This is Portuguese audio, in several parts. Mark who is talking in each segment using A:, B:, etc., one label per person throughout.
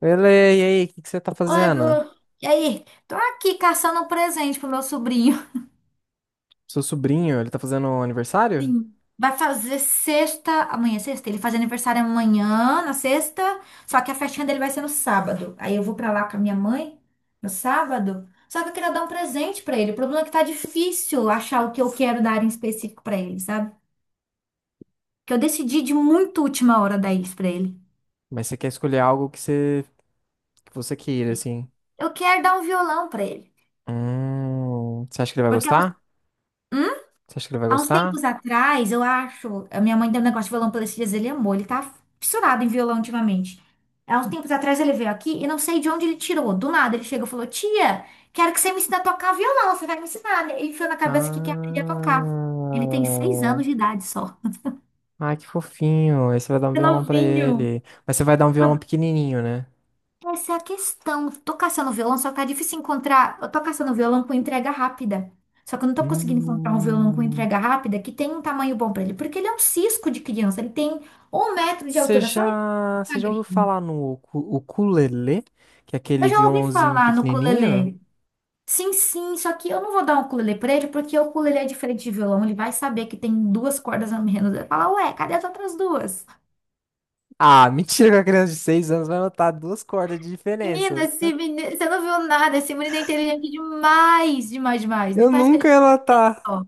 A: E aí, o que que você tá
B: Oi,
A: fazendo?
B: Gu. E aí? Tô aqui caçando um presente pro meu sobrinho.
A: Seu sobrinho, ele tá fazendo aniversário?
B: Sim. Vai fazer sexta, amanhã é sexta, ele faz aniversário amanhã, na sexta, só que a festinha dele vai ser no sábado. Aí eu vou pra lá com a minha mãe no sábado. Só que eu queria dar um presente pra ele. O problema é que tá difícil achar o que eu quero dar em específico pra ele, sabe? Que eu decidi de muito última hora dar isso pra ele.
A: Mas você quer escolher algo que você queira, assim.
B: Eu quero dar um violão pra ele,
A: Você acha que ele vai
B: porque é um
A: gostar? Você acha que ele vai
B: há uns
A: gostar?
B: tempos atrás, eu acho, a minha mãe deu um negócio de violão pra ele esses dias, ele amou, ele tá fissurado em violão ultimamente. Há uns tempos atrás ele veio aqui e não sei de onde ele tirou. Do nada ele chegou e falou: Tia, quero que você me ensine a tocar violão, você vai me ensinar, né? Ele enfiou na cabeça que quer aprender a tocar. Ele tem seis
A: Ah,
B: anos de idade só.
A: ai, que fofinho. Aí você vai dar um
B: É
A: violão pra
B: novinho.
A: ele. Mas você vai dar um violão pequenininho, né?
B: Essa é a questão. Tô caçando violão, só que tá difícil encontrar. Eu tô caçando violão com entrega rápida. Só que eu não tô conseguindo encontrar um violão com
A: Hum,
B: entrega rápida que tenha um tamanho bom pra ele. Porque ele é um cisco de criança. Ele tem 1 metro de altura, só isso, é
A: você já ouviu
B: magrinho.
A: falar no ukulele? Que é
B: Eu
A: aquele
B: já ouvi
A: violãozinho
B: falar no
A: pequenininho?
B: ukulele. Sim, sim, só que eu não vou dar um ukulele pra ele, porque o ukulele é diferente de violão. Ele vai saber que tem duas cordas a menos. Ele vai falar, ué, cadê as outras duas?
A: Ah, mentira que a criança de 6 anos vai notar duas cordas de
B: Menina,
A: diferença.
B: esse menino, você não viu nada. Esse menino é inteligente demais, demais, demais. Nem
A: Eu
B: parece que ele
A: nunca
B: tem
A: ia notar.
B: dó.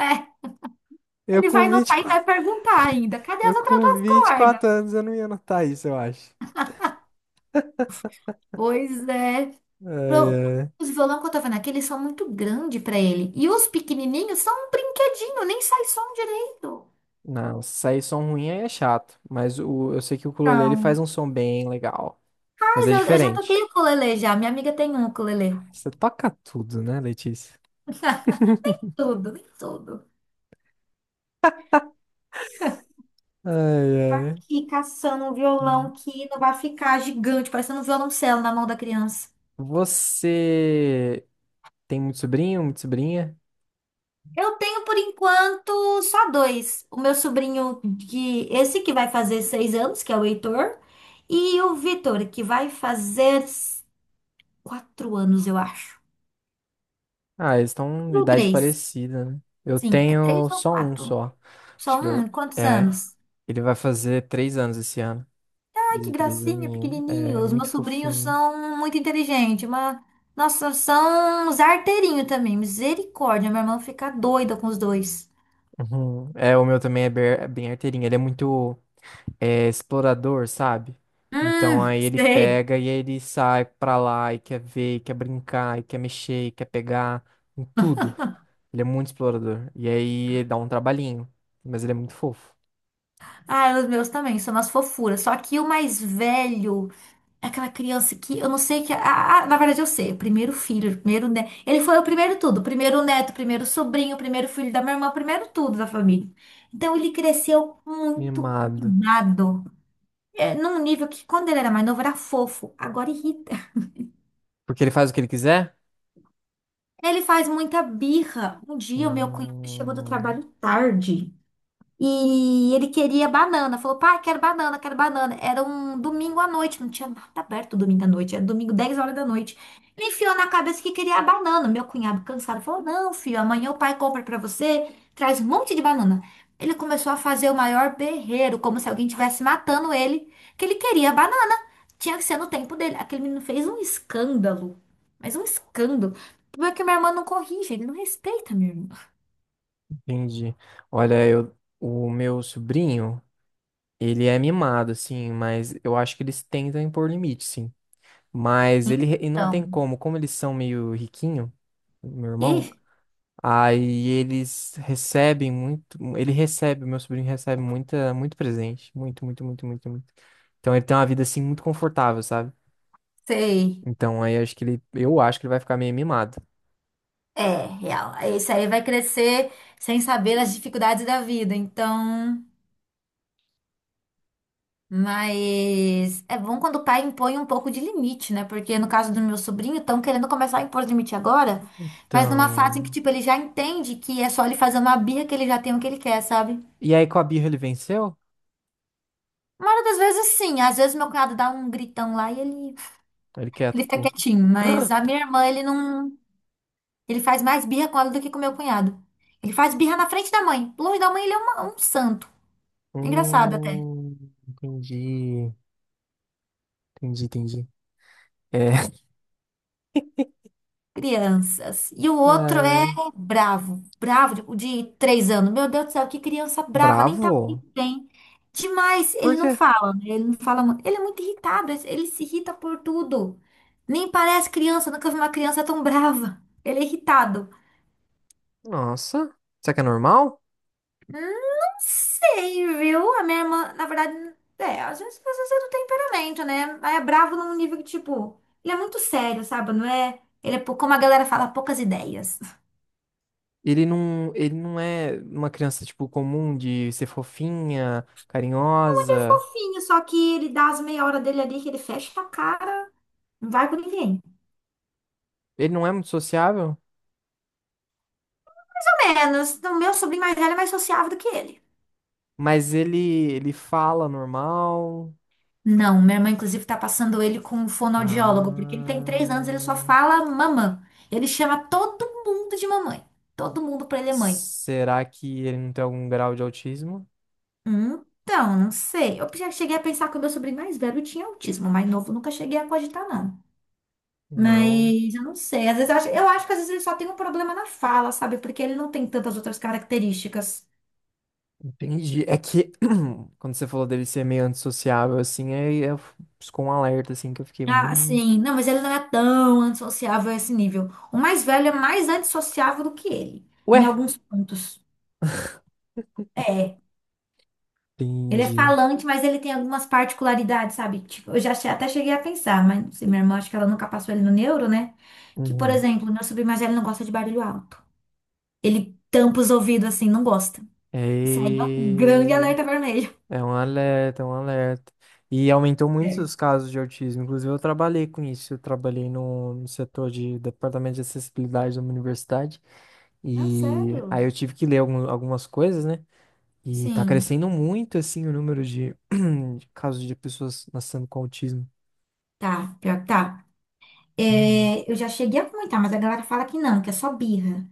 B: É.
A: Eu
B: Ele
A: com
B: vai notar e
A: 24,
B: vai perguntar ainda: cadê
A: eu
B: as outras
A: com
B: duas
A: vinte e
B: cordas?
A: quatro anos eu não ia notar isso, eu acho.
B: Pois é.
A: Ai,
B: Pro-
A: ai.
B: Os violão que eu tô vendo aqui, eles são muito grandes pra ele. E os pequenininhos são um brinquedinho, nem sai som direito.
A: Não, sair som ruim aí é chato, eu sei que o ukulele ele faz
B: Então,
A: um som bem legal, mas
B: mas
A: é
B: eu já toquei
A: diferente.
B: ukulele já. Minha amiga tem um ukulele.
A: Você toca tudo, né, Letícia?
B: Tudo, nem tudo.
A: Ai,
B: Tá.
A: ai.
B: Aqui caçando um violão que não vai ficar gigante, parecendo um violoncelo na mão da criança.
A: Você tem muito sobrinho, muita sobrinha?
B: Eu tenho por enquanto só dois. O meu sobrinho, que esse que vai fazer 6 anos, que é o Heitor, e o Vitor, que vai fazer 4 anos, eu acho.
A: Ah, eles estão em
B: Ou
A: idade
B: três.
A: parecida, né? Eu
B: Sim, é
A: tenho
B: três ou
A: só um
B: quatro.
A: só. Acho
B: Só
A: que ele,
B: um? Quantos
A: é,
B: anos?
A: ele vai fazer três anos esse ano. Vai
B: Ai, que
A: fazer três
B: gracinha,
A: aninhos.
B: pequenininho.
A: É
B: Os
A: muito
B: meus sobrinhos
A: fofinho.
B: são muito inteligentes, mas. Nossa, são uns arteirinhos também. Misericórdia, minha irmã fica doida com os dois.
A: Uhum. É, o meu também é bem arteirinho. Ele é muito é, explorador, sabe? Então aí ele
B: Sei.
A: pega e aí ele sai pra lá e quer ver, e quer brincar, e quer mexer, e quer pegar em tudo. Ele é muito explorador. E aí ele dá um trabalhinho. Mas ele é muito fofo.
B: Ah, os meus também, são umas fofuras. Só que o mais velho, é aquela criança que eu não sei que. Ah, ah, na verdade, eu sei. O primeiro filho, o primeiro neto. Ele foi o primeiro tudo. O primeiro neto, o primeiro sobrinho, o primeiro filho da minha irmã, o primeiro tudo da família. Então ele cresceu muito
A: Mimado.
B: mimado. É, num nível que quando ele era mais novo era fofo, agora irrita.
A: Porque ele faz o que ele quiser?
B: Ele faz muita birra. Um dia o meu cunhado chegou do
A: Hum,
B: trabalho tarde. E ele queria banana. Falou, pai, quero banana, quero banana. Era um domingo à noite, não tinha nada aberto domingo à noite. Era domingo, 10 horas da noite. Ele enfiou na cabeça que queria a banana. Meu cunhado, cansado, falou: Não, filho, amanhã o pai compra pra você, traz um monte de banana. Ele começou a fazer o maior berreiro, como se alguém estivesse matando ele, que ele queria a banana. Tinha que ser no tempo dele. Aquele menino fez um escândalo, mas um escândalo. Como é que minha irmã não corrige? Ele não respeita minha irmã.
A: entendi. Olha, o meu sobrinho, ele é mimado, assim, mas eu acho que eles tentam impor limite, sim. Mas e não
B: Então,
A: tem como, como eles são meio riquinho, meu irmão,
B: e
A: aí meu sobrinho recebe muita, muito presente, muito, muito, muito, muito, muito. Então ele tem uma vida, assim, muito confortável, sabe?
B: sei.
A: Então aí eu acho que ele vai ficar meio mimado.
B: É, real. Esse aí vai crescer sem saber as dificuldades da vida. Então, mas é bom quando o pai impõe um pouco de limite, né? Porque no caso do meu sobrinho, estão querendo começar a impor limite agora, mas numa fase
A: Então,
B: em que, tipo, ele já entende que é só ele fazer uma birra que ele já tem o que ele quer, sabe?
A: e aí com a birra ele venceu?
B: Uma hora das vezes, sim. Às vezes meu cunhado dá um gritão lá e ele,
A: Ele quer
B: ele fica
A: cu.
B: quietinho. Mas a minha irmã, ele não. Ele faz mais birra com ela do que com meu cunhado. Ele faz birra na frente da mãe. Longe da mãe, ele é um santo. É engraçado.
A: Hum, entendi, entendi, entendi. É,
B: Crianças. E o outro é
A: é,
B: bravo, bravo, o de 3 anos. Meu Deus do céu, que criança brava, nem tá
A: bravo?
B: muito bem. Demais,
A: Por
B: ele não
A: quê?
B: fala, né? Ele não fala muito. Ele é muito irritado, ele se irrita por tudo. Nem parece criança, nunca vi uma criança tão brava. Ele é irritado.
A: Nossa, será que é normal?
B: Não sei, viu? A minha irmã, na verdade, é, às vezes é do temperamento, né? Mas é bravo num nível que, tipo, ele é muito sério, sabe? Não é? Ele é, como a galera fala, poucas ideias.
A: Ele não é uma criança, tipo, comum de ser fofinha,
B: Ele é
A: carinhosa.
B: fofinho, só que ele dá as meia hora dele ali que ele fecha a cara, não vai com ninguém.
A: Ele não é muito sociável,
B: Pelo menos, o meu sobrinho mais velho é mais sociável do que ele.
A: mas ele, ele fala normal.
B: Não, minha irmã, inclusive, tá passando ele com um fonoaudiólogo, porque ele tem 3 anos, ele só
A: Ah,
B: fala mamã. Ele chama todo mundo de mamãe. Todo mundo pra ele é mãe.
A: será que ele não tem algum grau de autismo?
B: Então, não sei. Eu já cheguei a pensar que o meu sobrinho mais velho tinha autismo, mais novo nunca cheguei a cogitar, não.
A: Não.
B: Mas eu não sei. Às vezes eu acho que às vezes ele só tem um problema na fala, sabe? Porque ele não tem tantas outras características.
A: Entendi. É que quando você falou dele ser meio antissociável, assim, piscou um alerta, assim, que eu fiquei,
B: Ah, sim. Não, mas ele não é tão antissociável a esse nível. O mais velho é mais antissociável do que ele, em
A: ué,
B: alguns pontos. É. Ele é
A: entendi.
B: falante, mas ele tem algumas particularidades, sabe? Tipo, eu até cheguei a pensar, mas não sei, minha irmã, acho que ela nunca passou ele no neuro, né? Que, por
A: Uhum.
B: exemplo, meu sobrinho mais velho não gosta de barulho alto. Ele tampa os ouvidos assim, não gosta. Isso aí é um grande
A: É...
B: alerta vermelho.
A: é um alerta, é um alerta. E aumentou muito
B: É.
A: os casos de autismo. Inclusive, eu trabalhei com isso. Eu trabalhei no setor de departamento de acessibilidade da minha universidade.
B: Não,
A: E aí
B: sério?
A: eu tive que ler algumas coisas, né? E tá
B: Sim.
A: crescendo muito, assim, o número de, de casos de pessoas nascendo com autismo.
B: Tá, pior que tá.
A: Hum.
B: É, eu já cheguei a comentar, mas a galera fala que não, que é só birra.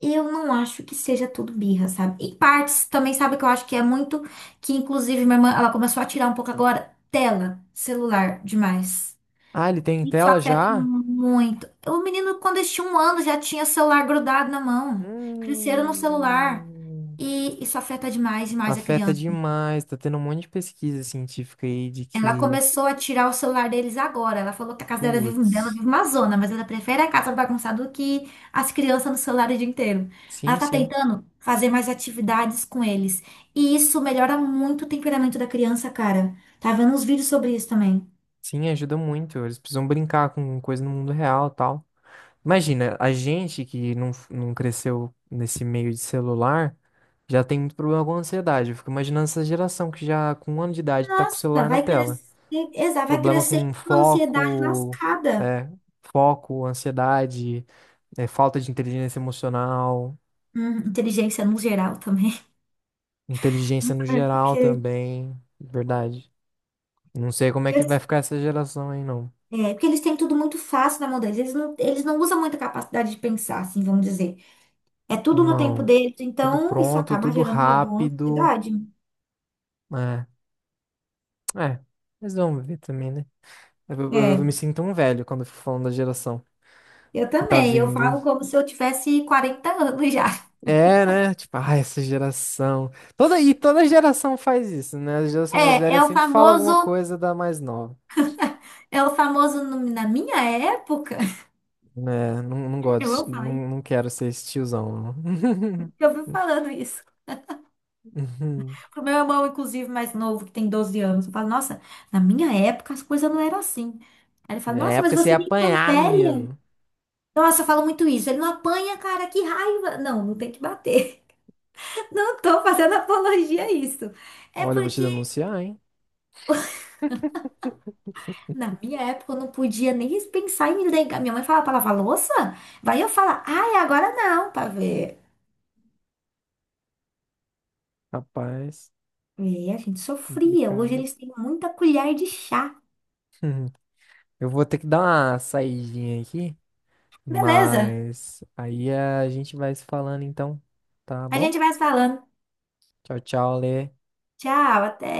B: Eu não acho que seja tudo birra, sabe? Em partes, também sabe que eu acho que é muito. Que inclusive minha irmã, ela começou a tirar um pouco agora tela, celular, demais.
A: Ah, ele tem
B: Isso
A: tela
B: afeta
A: já?
B: muito. O menino, quando eles tinham 1 ano, já tinha celular grudado na mão. Cresceram no celular.
A: Hum.
B: E isso afeta demais, demais a
A: Afeta
B: criança.
A: demais. Tá tendo um monte de pesquisa científica aí de
B: Ela
A: que.
B: começou a tirar o celular deles agora. Ela falou que a casa dela vive, dela
A: Putz.
B: vive uma zona, mas ela prefere a casa bagunçada do que as crianças no celular o dia inteiro. Ela
A: Sim,
B: tá
A: sim.
B: tentando fazer mais atividades com eles. E isso melhora muito o temperamento da criança, cara. Tá vendo uns vídeos sobre isso também.
A: Sim, ajuda muito. Eles precisam brincar com coisa no mundo real e tal. Imagina, a gente que não cresceu nesse meio de celular já tem muito problema com ansiedade. Eu fico imaginando essa geração que já com um ano de idade tá com o
B: Nossa,
A: celular na
B: vai
A: tela.
B: crescer, exato, vai
A: Problema
B: crescer
A: com
B: com uma ansiedade
A: foco,
B: lascada.
A: é, foco, ansiedade, é, falta de inteligência emocional,
B: Inteligência no geral também.
A: inteligência no
B: É
A: geral
B: Porque,
A: também, verdade. Não sei como é que
B: porque-
A: vai ficar essa geração aí, não.
B: Porque eles têm tudo muito fácil na mão deles. Eles não usam muita capacidade de pensar, assim, vamos dizer. É tudo no tempo
A: Não.
B: deles,
A: Tudo
B: então isso
A: pronto,
B: acaba
A: tudo
B: gerando uma boa
A: rápido.
B: ansiedade.
A: É, é. Mas vamos ver também, né?
B: É,
A: Eu me sinto um velho quando eu fico falando da geração
B: eu
A: que tá
B: também, eu
A: vindo.
B: falo como se eu tivesse 40 anos já.
A: É, né? Tipo, ah, essa geração. Toda e toda geração faz isso, né? A geração mais
B: É,
A: velha
B: é o
A: sempre fala alguma
B: famoso,
A: coisa da mais nova.
B: é o famoso na minha época.
A: Né? Não
B: Eu
A: gosto,
B: vou falar isso,
A: não quero ser esse tiozão. Não.
B: porque eu vivo falando isso.
A: Uhum.
B: Pro meu irmão, inclusive, mais novo, que tem 12 anos, eu falo, nossa, na minha época as coisas não eram assim. Aí ele fala,
A: Na
B: nossa, mas
A: época você ia
B: você nem é tão
A: apanhar,
B: velha.
A: menino.
B: Nossa, eu falo muito isso. Ele não apanha, cara, que raiva. Não, não tem que bater. Não tô fazendo apologia a isso. É
A: Olha, eu vou te
B: porque
A: denunciar, hein?
B: na minha época, eu não podia nem pensar em ligar. Minha mãe falava pra lavar louça, vai eu falar, ai, agora não, pra ver.
A: Rapaz,
B: E a gente sofria. Hoje
A: complicado.
B: eles têm muita colher de chá.
A: Uhum. Eu vou ter que dar uma saidinha aqui,
B: Beleza,
A: mas aí a gente vai se falando então, tá
B: a
A: bom?
B: gente vai se falando.
A: Tchau, tchau, Lê.
B: Tchau, até.